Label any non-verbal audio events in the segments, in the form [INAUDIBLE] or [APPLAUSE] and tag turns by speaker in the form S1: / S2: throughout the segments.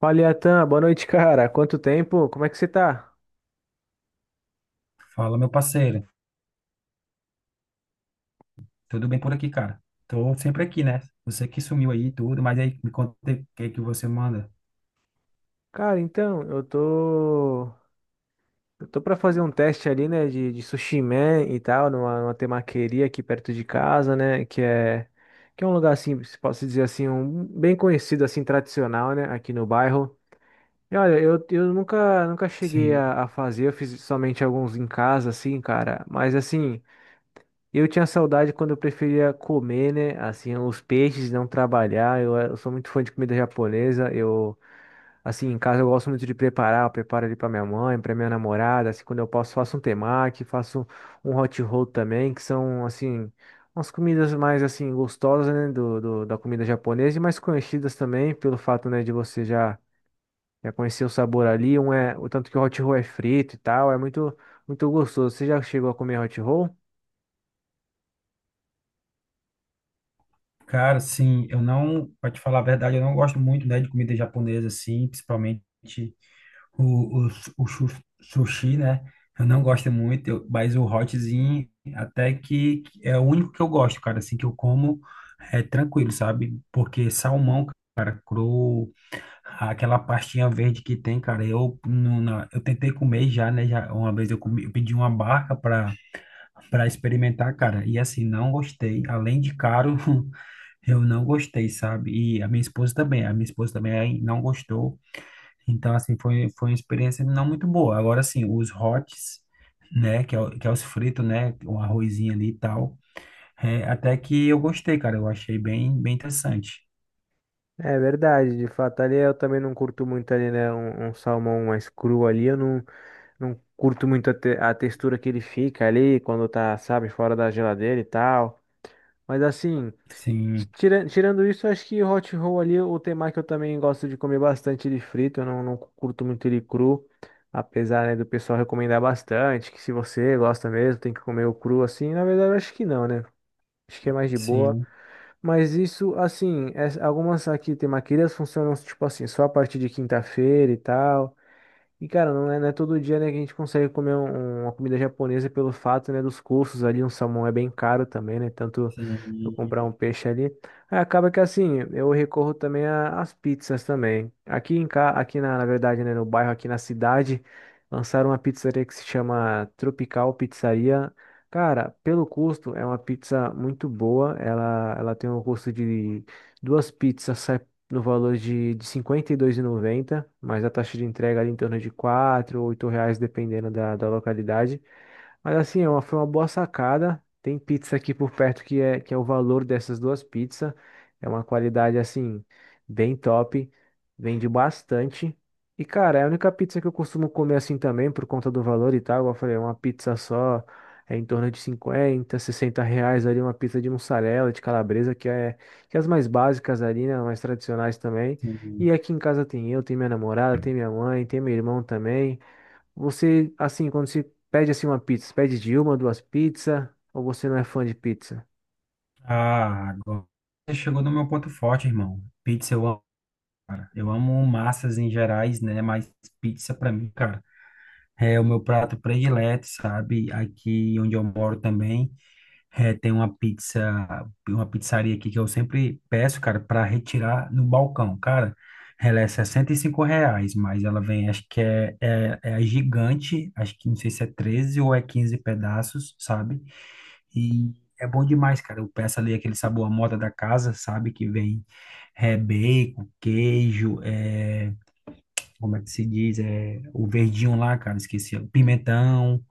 S1: Fala, Iatan, boa noite, cara. Quanto tempo? Como é que você tá?
S2: Fala, meu parceiro. Tudo bem por aqui, cara? Tô sempre aqui, né? Você que sumiu aí e tudo, mas aí me conta o que é que você manda.
S1: Cara, então, eu tô pra fazer um teste ali, né, de sushi man e tal, numa temaqueria aqui perto de casa, né, que é. Que é um lugar, assim, se posso dizer assim, um, bem conhecido, assim, tradicional, né, aqui no bairro. E olha, eu nunca cheguei
S2: Sim.
S1: a fazer, eu fiz somente alguns em casa, assim, cara, mas assim. Eu tinha saudade quando eu preferia comer, né? Assim, os peixes, não trabalhar. Eu, eu sou muito fã de comida japonesa. Eu, assim, em casa eu gosto muito de preparar. Eu preparo ali para minha mãe, para minha namorada. Assim, quando eu posso, faço um temaki, faço um hot roll também, que são, assim, umas comidas mais, assim, gostosas, né? Da comida japonesa e mais conhecidas também, pelo fato, né, de você já, já conhecer o sabor ali. Um é, o tanto que o hot roll é frito e tal, é muito, muito gostoso. Você já chegou a comer hot roll?
S2: Cara, sim, eu não, pra te falar a verdade, eu não gosto muito, né, de comida japonesa, assim, principalmente o sushi, né? Eu não gosto muito, mas o hotzinho até que é o único que eu gosto, cara, assim, que eu como é tranquilo, sabe? Porque salmão, cara, cru. Aquela pastinha verde que tem, cara, eu, não- na- eu tentei comer já, né? Já, uma vez eu comi, eu pedi uma barca para experimentar, cara, e assim, não gostei. Além de caro, [LAUGHS] eu não gostei, sabe? E a minha esposa também aí não gostou. Então, assim, foi uma experiência não muito boa. Agora, assim, os hots, né? Que é os fritos, né? Um arrozinho ali e tal. É, até que eu gostei, cara, eu achei bem, bem interessante.
S1: É verdade, de fato, ali eu também não curto muito ali, né, um salmão mais cru ali, eu não, não curto muito a textura que ele fica ali, quando tá, sabe, fora da geladeira e tal, mas assim,
S2: Sim,
S1: tirando isso, eu acho que hot roll ali, o temaki eu também gosto de comer bastante ele frito, eu não curto muito ele cru, apesar, né, do pessoal recomendar bastante, que se você gosta mesmo, tem que comer o cru assim, na verdade eu acho que não, né? Acho que é mais de boa.
S2: sim,
S1: Mas isso, assim, algumas aqui tem maquilhas funcionam tipo assim, só a partir de quinta-feira e tal. E, cara, não é todo dia, né, que a gente consegue comer uma comida japonesa pelo fato, né, dos custos ali. Um salmão é bem caro também, né? Tanto eu
S2: sim,
S1: comprar um peixe ali. Aí acaba que, assim, eu recorro também às pizzas também. Aqui em cá, aqui na verdade, né, no bairro, aqui na cidade, lançaram uma pizzaria que se chama Tropical Pizzaria. Cara, pelo custo, é uma pizza muito boa. Ela tem um custo de duas pizzas, no valor de 52,90, mas a taxa de entrega ali em torno de 4 ou 8 reais, dependendo da localidade. Mas assim, foi uma boa sacada. Tem pizza aqui por perto que é o valor dessas duas pizzas. É uma qualidade assim, bem top. Vende bastante. E cara, é a única pizza que eu costumo comer assim também, por conta do valor e tal. Igual eu falei, é uma pizza só é em torno de 50, 60 reais ali. Uma pizza de mussarela, de calabresa, que é as mais básicas ali, né? Mais tradicionais também. E
S2: sim.
S1: aqui em casa tem eu, tem minha namorada, tem minha mãe, tem meu irmão também. Você, assim, quando você pede assim uma pizza, você pede de uma, duas pizzas, ou você não é fã de pizza?
S2: Ah, agora você chegou no meu ponto forte, irmão. Pizza eu amo, cara. Eu amo massas em gerais, né? Mas pizza pra mim, cara, é o meu prato predileto, sabe? Aqui onde eu moro também, tem uma pizzaria aqui que eu sempre peço, cara, pra retirar no balcão. Cara, ela é 65 reais, mas ela vem, acho que é a gigante, acho que não sei se é 13 ou é 15 pedaços, sabe? E é bom demais, cara. Eu peço ali aquele sabor à moda da casa, sabe? Que vem bacon, queijo, como é que se diz? O verdinho lá, cara, esqueci. Pimentão,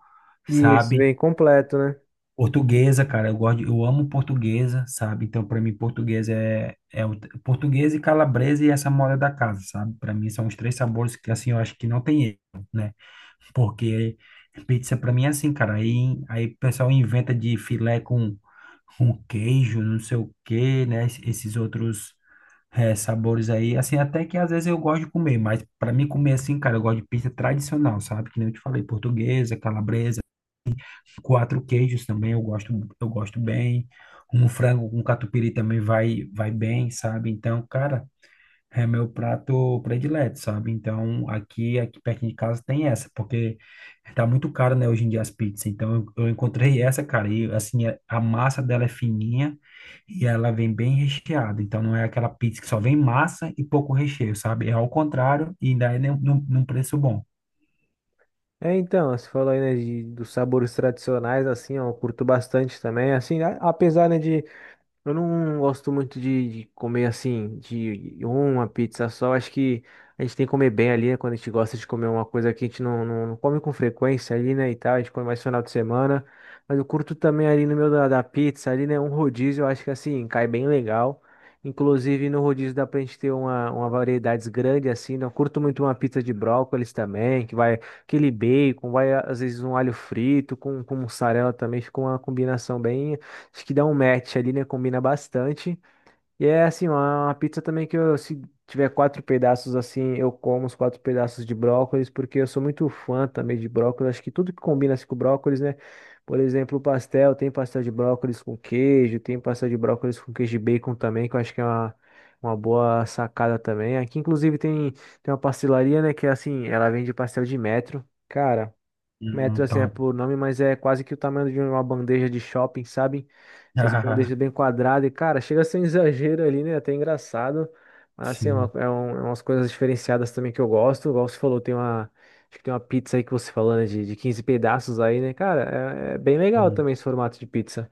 S1: Isso,
S2: sabe?
S1: vem completo, né?
S2: Portuguesa, cara, eu amo portuguesa, sabe? Então, para mim, portuguesa é portuguesa e calabresa e essa moda da casa, sabe? Para mim, são os três sabores que, assim, eu acho que não tem erro, né? Porque pizza, para mim, é assim, cara. Aí, o pessoal inventa de filé com queijo, não sei o quê, né? Esses outros sabores aí. Assim, até que às vezes eu gosto de comer, mas para mim comer assim, cara, eu gosto de pizza tradicional, sabe? Que nem eu te falei, portuguesa, calabresa, quatro queijos também eu gosto bem. Um frango com catupiry também vai bem, sabe? Então, cara, é meu prato predileto, sabe? Então, aqui perto de casa tem essa, porque tá muito caro, né, hoje em dia as pizzas. Então eu encontrei essa, cara, e assim, a massa dela é fininha, e ela vem bem recheada, então não é aquela pizza que só vem massa e pouco recheio, sabe? É ao contrário e ainda é num preço bom.
S1: É, então, você falou aí, né, dos sabores tradicionais, assim, ó, eu curto bastante também, assim, apesar, né, de. Eu não gosto muito de comer assim, de uma pizza só. Acho que a gente tem que comer bem ali, né? Quando a gente gosta de comer uma coisa que a gente não come com frequência ali, né? E tal, a gente come mais final de semana. Mas eu curto também ali no meio da pizza, ali, né? Um rodízio, eu acho que assim, cai bem legal. Inclusive no rodízio dá pra gente ter uma variedade grande assim, né? Eu curto muito uma pizza de brócolis também, que vai aquele bacon, vai às vezes um alho frito com mussarela também, fica uma combinação bem. Acho que dá um match ali, né? Combina bastante. E é assim, uma pizza também que eu, se tiver quatro pedaços assim, eu como os quatro pedaços de brócolis, porque eu sou muito fã também de brócolis. Acho que tudo que combina assim, com brócolis, né? Por exemplo, o pastel, tem pastel de brócolis com queijo, tem pastel de brócolis com queijo e bacon também, que eu acho que é uma boa sacada também. Aqui, inclusive, tem uma pastelaria, né? Que é assim, ela vende pastel de metro. Cara. Metro, assim, é
S2: Top.
S1: por nome, mas é quase que o tamanho de uma bandeja de shopping, sabe? Essas bandejas bem quadradas. E, cara, chega a ser um exagero ali, né? Até engraçado. Mas,
S2: [LAUGHS]
S1: assim, é, uma-
S2: Sim.
S1: é um- é umas coisas diferenciadas também que eu gosto. Igual você falou, tem uma... Acho que tem uma pizza aí que você falou, né? De 15 pedaços aí, né? Cara, é bem legal
S2: Sim.
S1: também esse formato de pizza.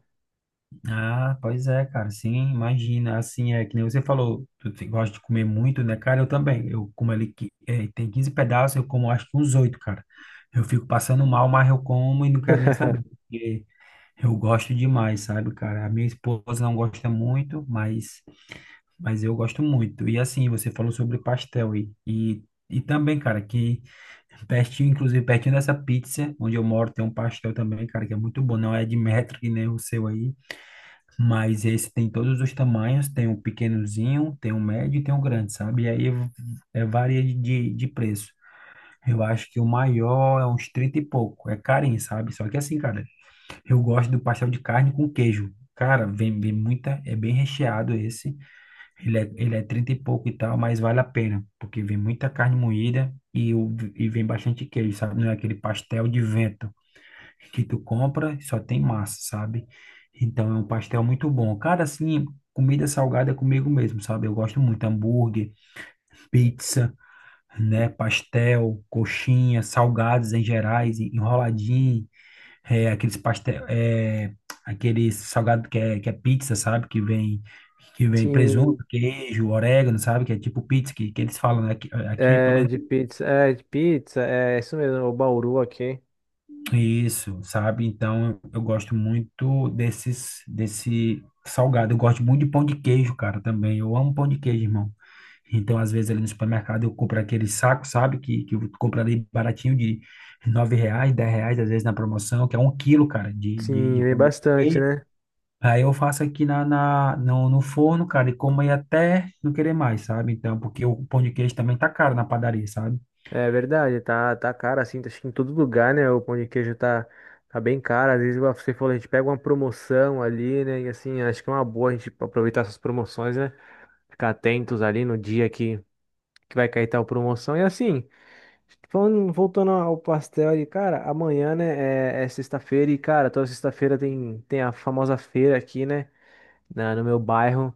S2: Ah, pois é, cara, sim, imagina, assim, é que nem você falou, tu gosta de comer muito, né, cara, eu também, eu como ali, tem 15 pedaços, eu como acho que uns oito, cara, eu fico passando mal, mas eu como e não quero nem saber,
S1: [LAUGHS]
S2: porque eu gosto demais, sabe, cara, a minha esposa não gosta muito, mas... Mas eu gosto muito. E assim, você falou sobre pastel e também, cara, que pertinho, inclusive pertinho dessa pizza, onde eu moro, tem um pastel também, cara, que é muito bom. Não é de metro que nem o seu aí, mas esse tem todos os tamanhos, tem um pequenozinho, tem um médio e tem um grande, sabe? E aí varia de preço. Eu acho que o maior é uns 30 e pouco. É carinho, sabe? Só que assim, cara, eu gosto do pastel de carne com queijo. Cara, vem muita, é bem recheado esse. Ele é 30 e pouco e tal, mas vale a pena, porque vem muita carne moída e vem bastante queijo, sabe? Não é aquele pastel de vento que tu compra e só tem massa, sabe? Então é um pastel muito bom. Cara, assim, comida salgada é comigo mesmo, sabe? Eu gosto muito hambúrguer, pizza, né? Pastel, coxinha, salgados em gerais, enroladinho. Aqueles pastel, aquele salgado que é pizza, sabe? Que vem presunto,
S1: Sim,
S2: queijo, orégano, sabe? Que é tipo pizza que eles falam, né? Aqui, é pelo
S1: é
S2: menos
S1: de pizza. É de pizza. É isso mesmo, o Bauru aqui.
S2: isso, sabe? Então eu gosto muito desse salgado. Eu gosto muito de pão de queijo, cara, também. Eu amo pão de queijo, irmão. Então, às vezes, ali no supermercado, eu compro aquele saco, sabe? Que eu compro ali baratinho de 9 reais, 10 reais, às vezes na promoção, que é 1 quilo, cara, de, de,
S1: Sim,
S2: de
S1: vem
S2: pão de
S1: bastante,
S2: queijo.
S1: né?
S2: Aí eu faço aqui na, na, no, no forno, cara, e como aí até não querer mais, sabe? Então, porque o pão de queijo também tá caro na padaria, sabe?
S1: É verdade, tá caro assim, acho que em todo lugar, né? O pão de queijo tá bem caro. Às vezes, igual você falou, a gente pega uma promoção ali, né? E assim, acho que é uma boa a gente aproveitar essas promoções, né? Ficar atentos ali no dia que vai cair tal promoção. E assim, falando, voltando ao pastel ali, cara, amanhã, né? É sexta-feira e, cara, toda sexta-feira tem a famosa feira aqui, né? No meu bairro.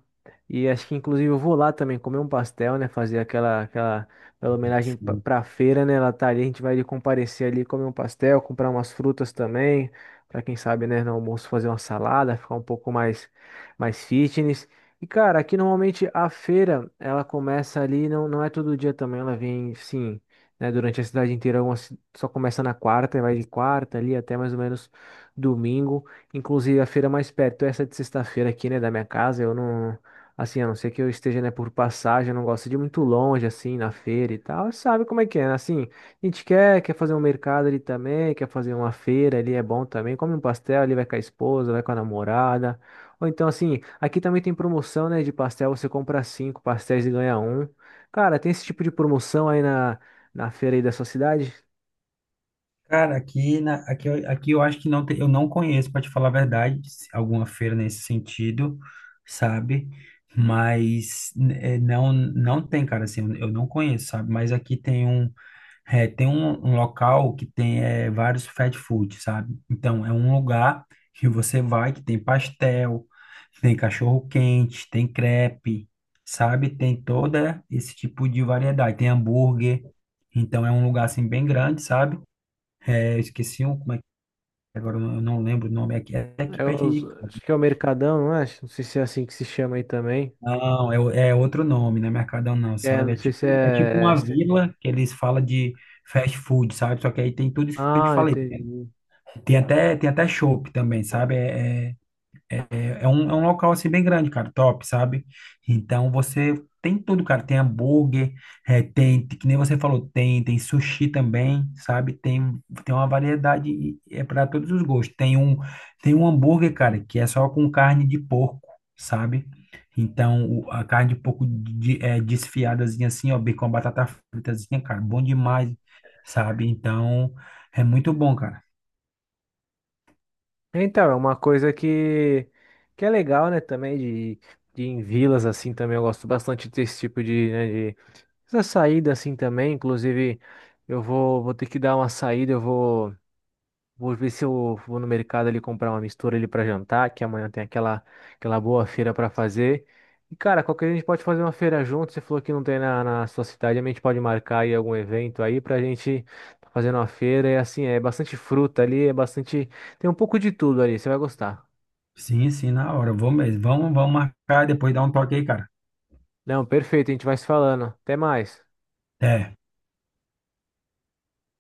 S1: E acho que inclusive eu vou lá também comer um pastel, né? Fazer aquela homenagem pra,
S2: Sim.
S1: pra feira, né? Ela tá ali, a gente vai ali comparecer ali, comer um pastel, comprar umas frutas também. Pra quem sabe, né, no almoço fazer uma salada, ficar um pouco mais fitness. E, cara, aqui normalmente a feira, ela começa ali, não, não é todo dia também, ela vem, sim, né, durante a cidade inteira, só começa na quarta, e vai de quarta ali até mais ou menos domingo. Inclusive, a feira mais perto, é essa de sexta-feira aqui, né, da minha casa, eu não. Assim, a não ser que eu esteja, né, por passagem, eu não gosto de ir muito longe, assim, na feira e tal. Sabe como é que é, né? Assim, a gente quer fazer um mercado ali também, quer fazer uma feira ali, é bom também. Come um pastel ali, vai com a esposa, vai com a namorada. Ou então, assim, aqui também tem promoção, né, de pastel, você compra cinco pastéis e ganha um. Cara, tem esse tipo de promoção aí na feira aí da sua cidade?
S2: Cara, aqui eu acho que não tem, eu não conheço, para te falar a verdade, alguma feira nesse sentido, sabe? Mas não tem, cara, assim, eu não conheço, sabe? Mas aqui tem um. Tem um local que tem vários fast food, sabe? Então, é um lugar que você vai que tem pastel, tem cachorro-quente, tem crepe, sabe? Tem toda esse tipo de variedade. Tem hambúrguer. Então, é um lugar, assim, bem grande, sabe? Eu esqueci um, como é que é, agora eu não lembro o nome aqui. É aqui
S1: É
S2: pertinho
S1: os-
S2: de casa.
S1: acho que é o Mercadão, não é? Não sei se é assim que se chama aí também.
S2: Não, é outro nome, não é Mercadão não,
S1: É,
S2: sabe?
S1: não
S2: É
S1: sei
S2: tipo,
S1: se
S2: é tipo
S1: é.
S2: uma vila que eles falam de fast food, sabe? Só que aí tem tudo isso que eu te
S1: Ah,
S2: falei.
S1: entendi.
S2: Tem até chopp também, sabe? É um local assim bem grande, cara, top, sabe? Então você tem tudo, cara. Tem hambúrguer, que nem você falou, tem sushi também, sabe? Tem uma variedade e é para todos os gostos. Tem um hambúrguer, cara, que é só com carne de porco, sabe? Então a carne de porco desfiadazinha assim, ó, bem com a batata fritazinha, cara, bom demais, sabe? Então é muito bom, cara.
S1: Então, é uma coisa que é legal, né, também, de ir em vilas, assim, também eu gosto bastante desse tipo de, né, de essa saída, assim, também, inclusive, eu vou, vou ter que dar uma saída, vou ver se eu vou no mercado ali comprar uma mistura ali para jantar, que amanhã tem aquela boa feira para fazer. E cara, qualquer dia a gente pode fazer uma feira junto. Você falou que não tem na sua cidade, a gente pode marcar aí algum evento aí pra gente tá fazendo uma feira. E assim, é bastante fruta ali, é bastante. Tem um pouco de tudo ali, você vai gostar.
S2: Sim, sim, na hora. Vou mesmo. Vamos marcar e depois dar um toque aí, cara.
S1: Não, perfeito, a gente vai se falando. Até mais.
S2: Até.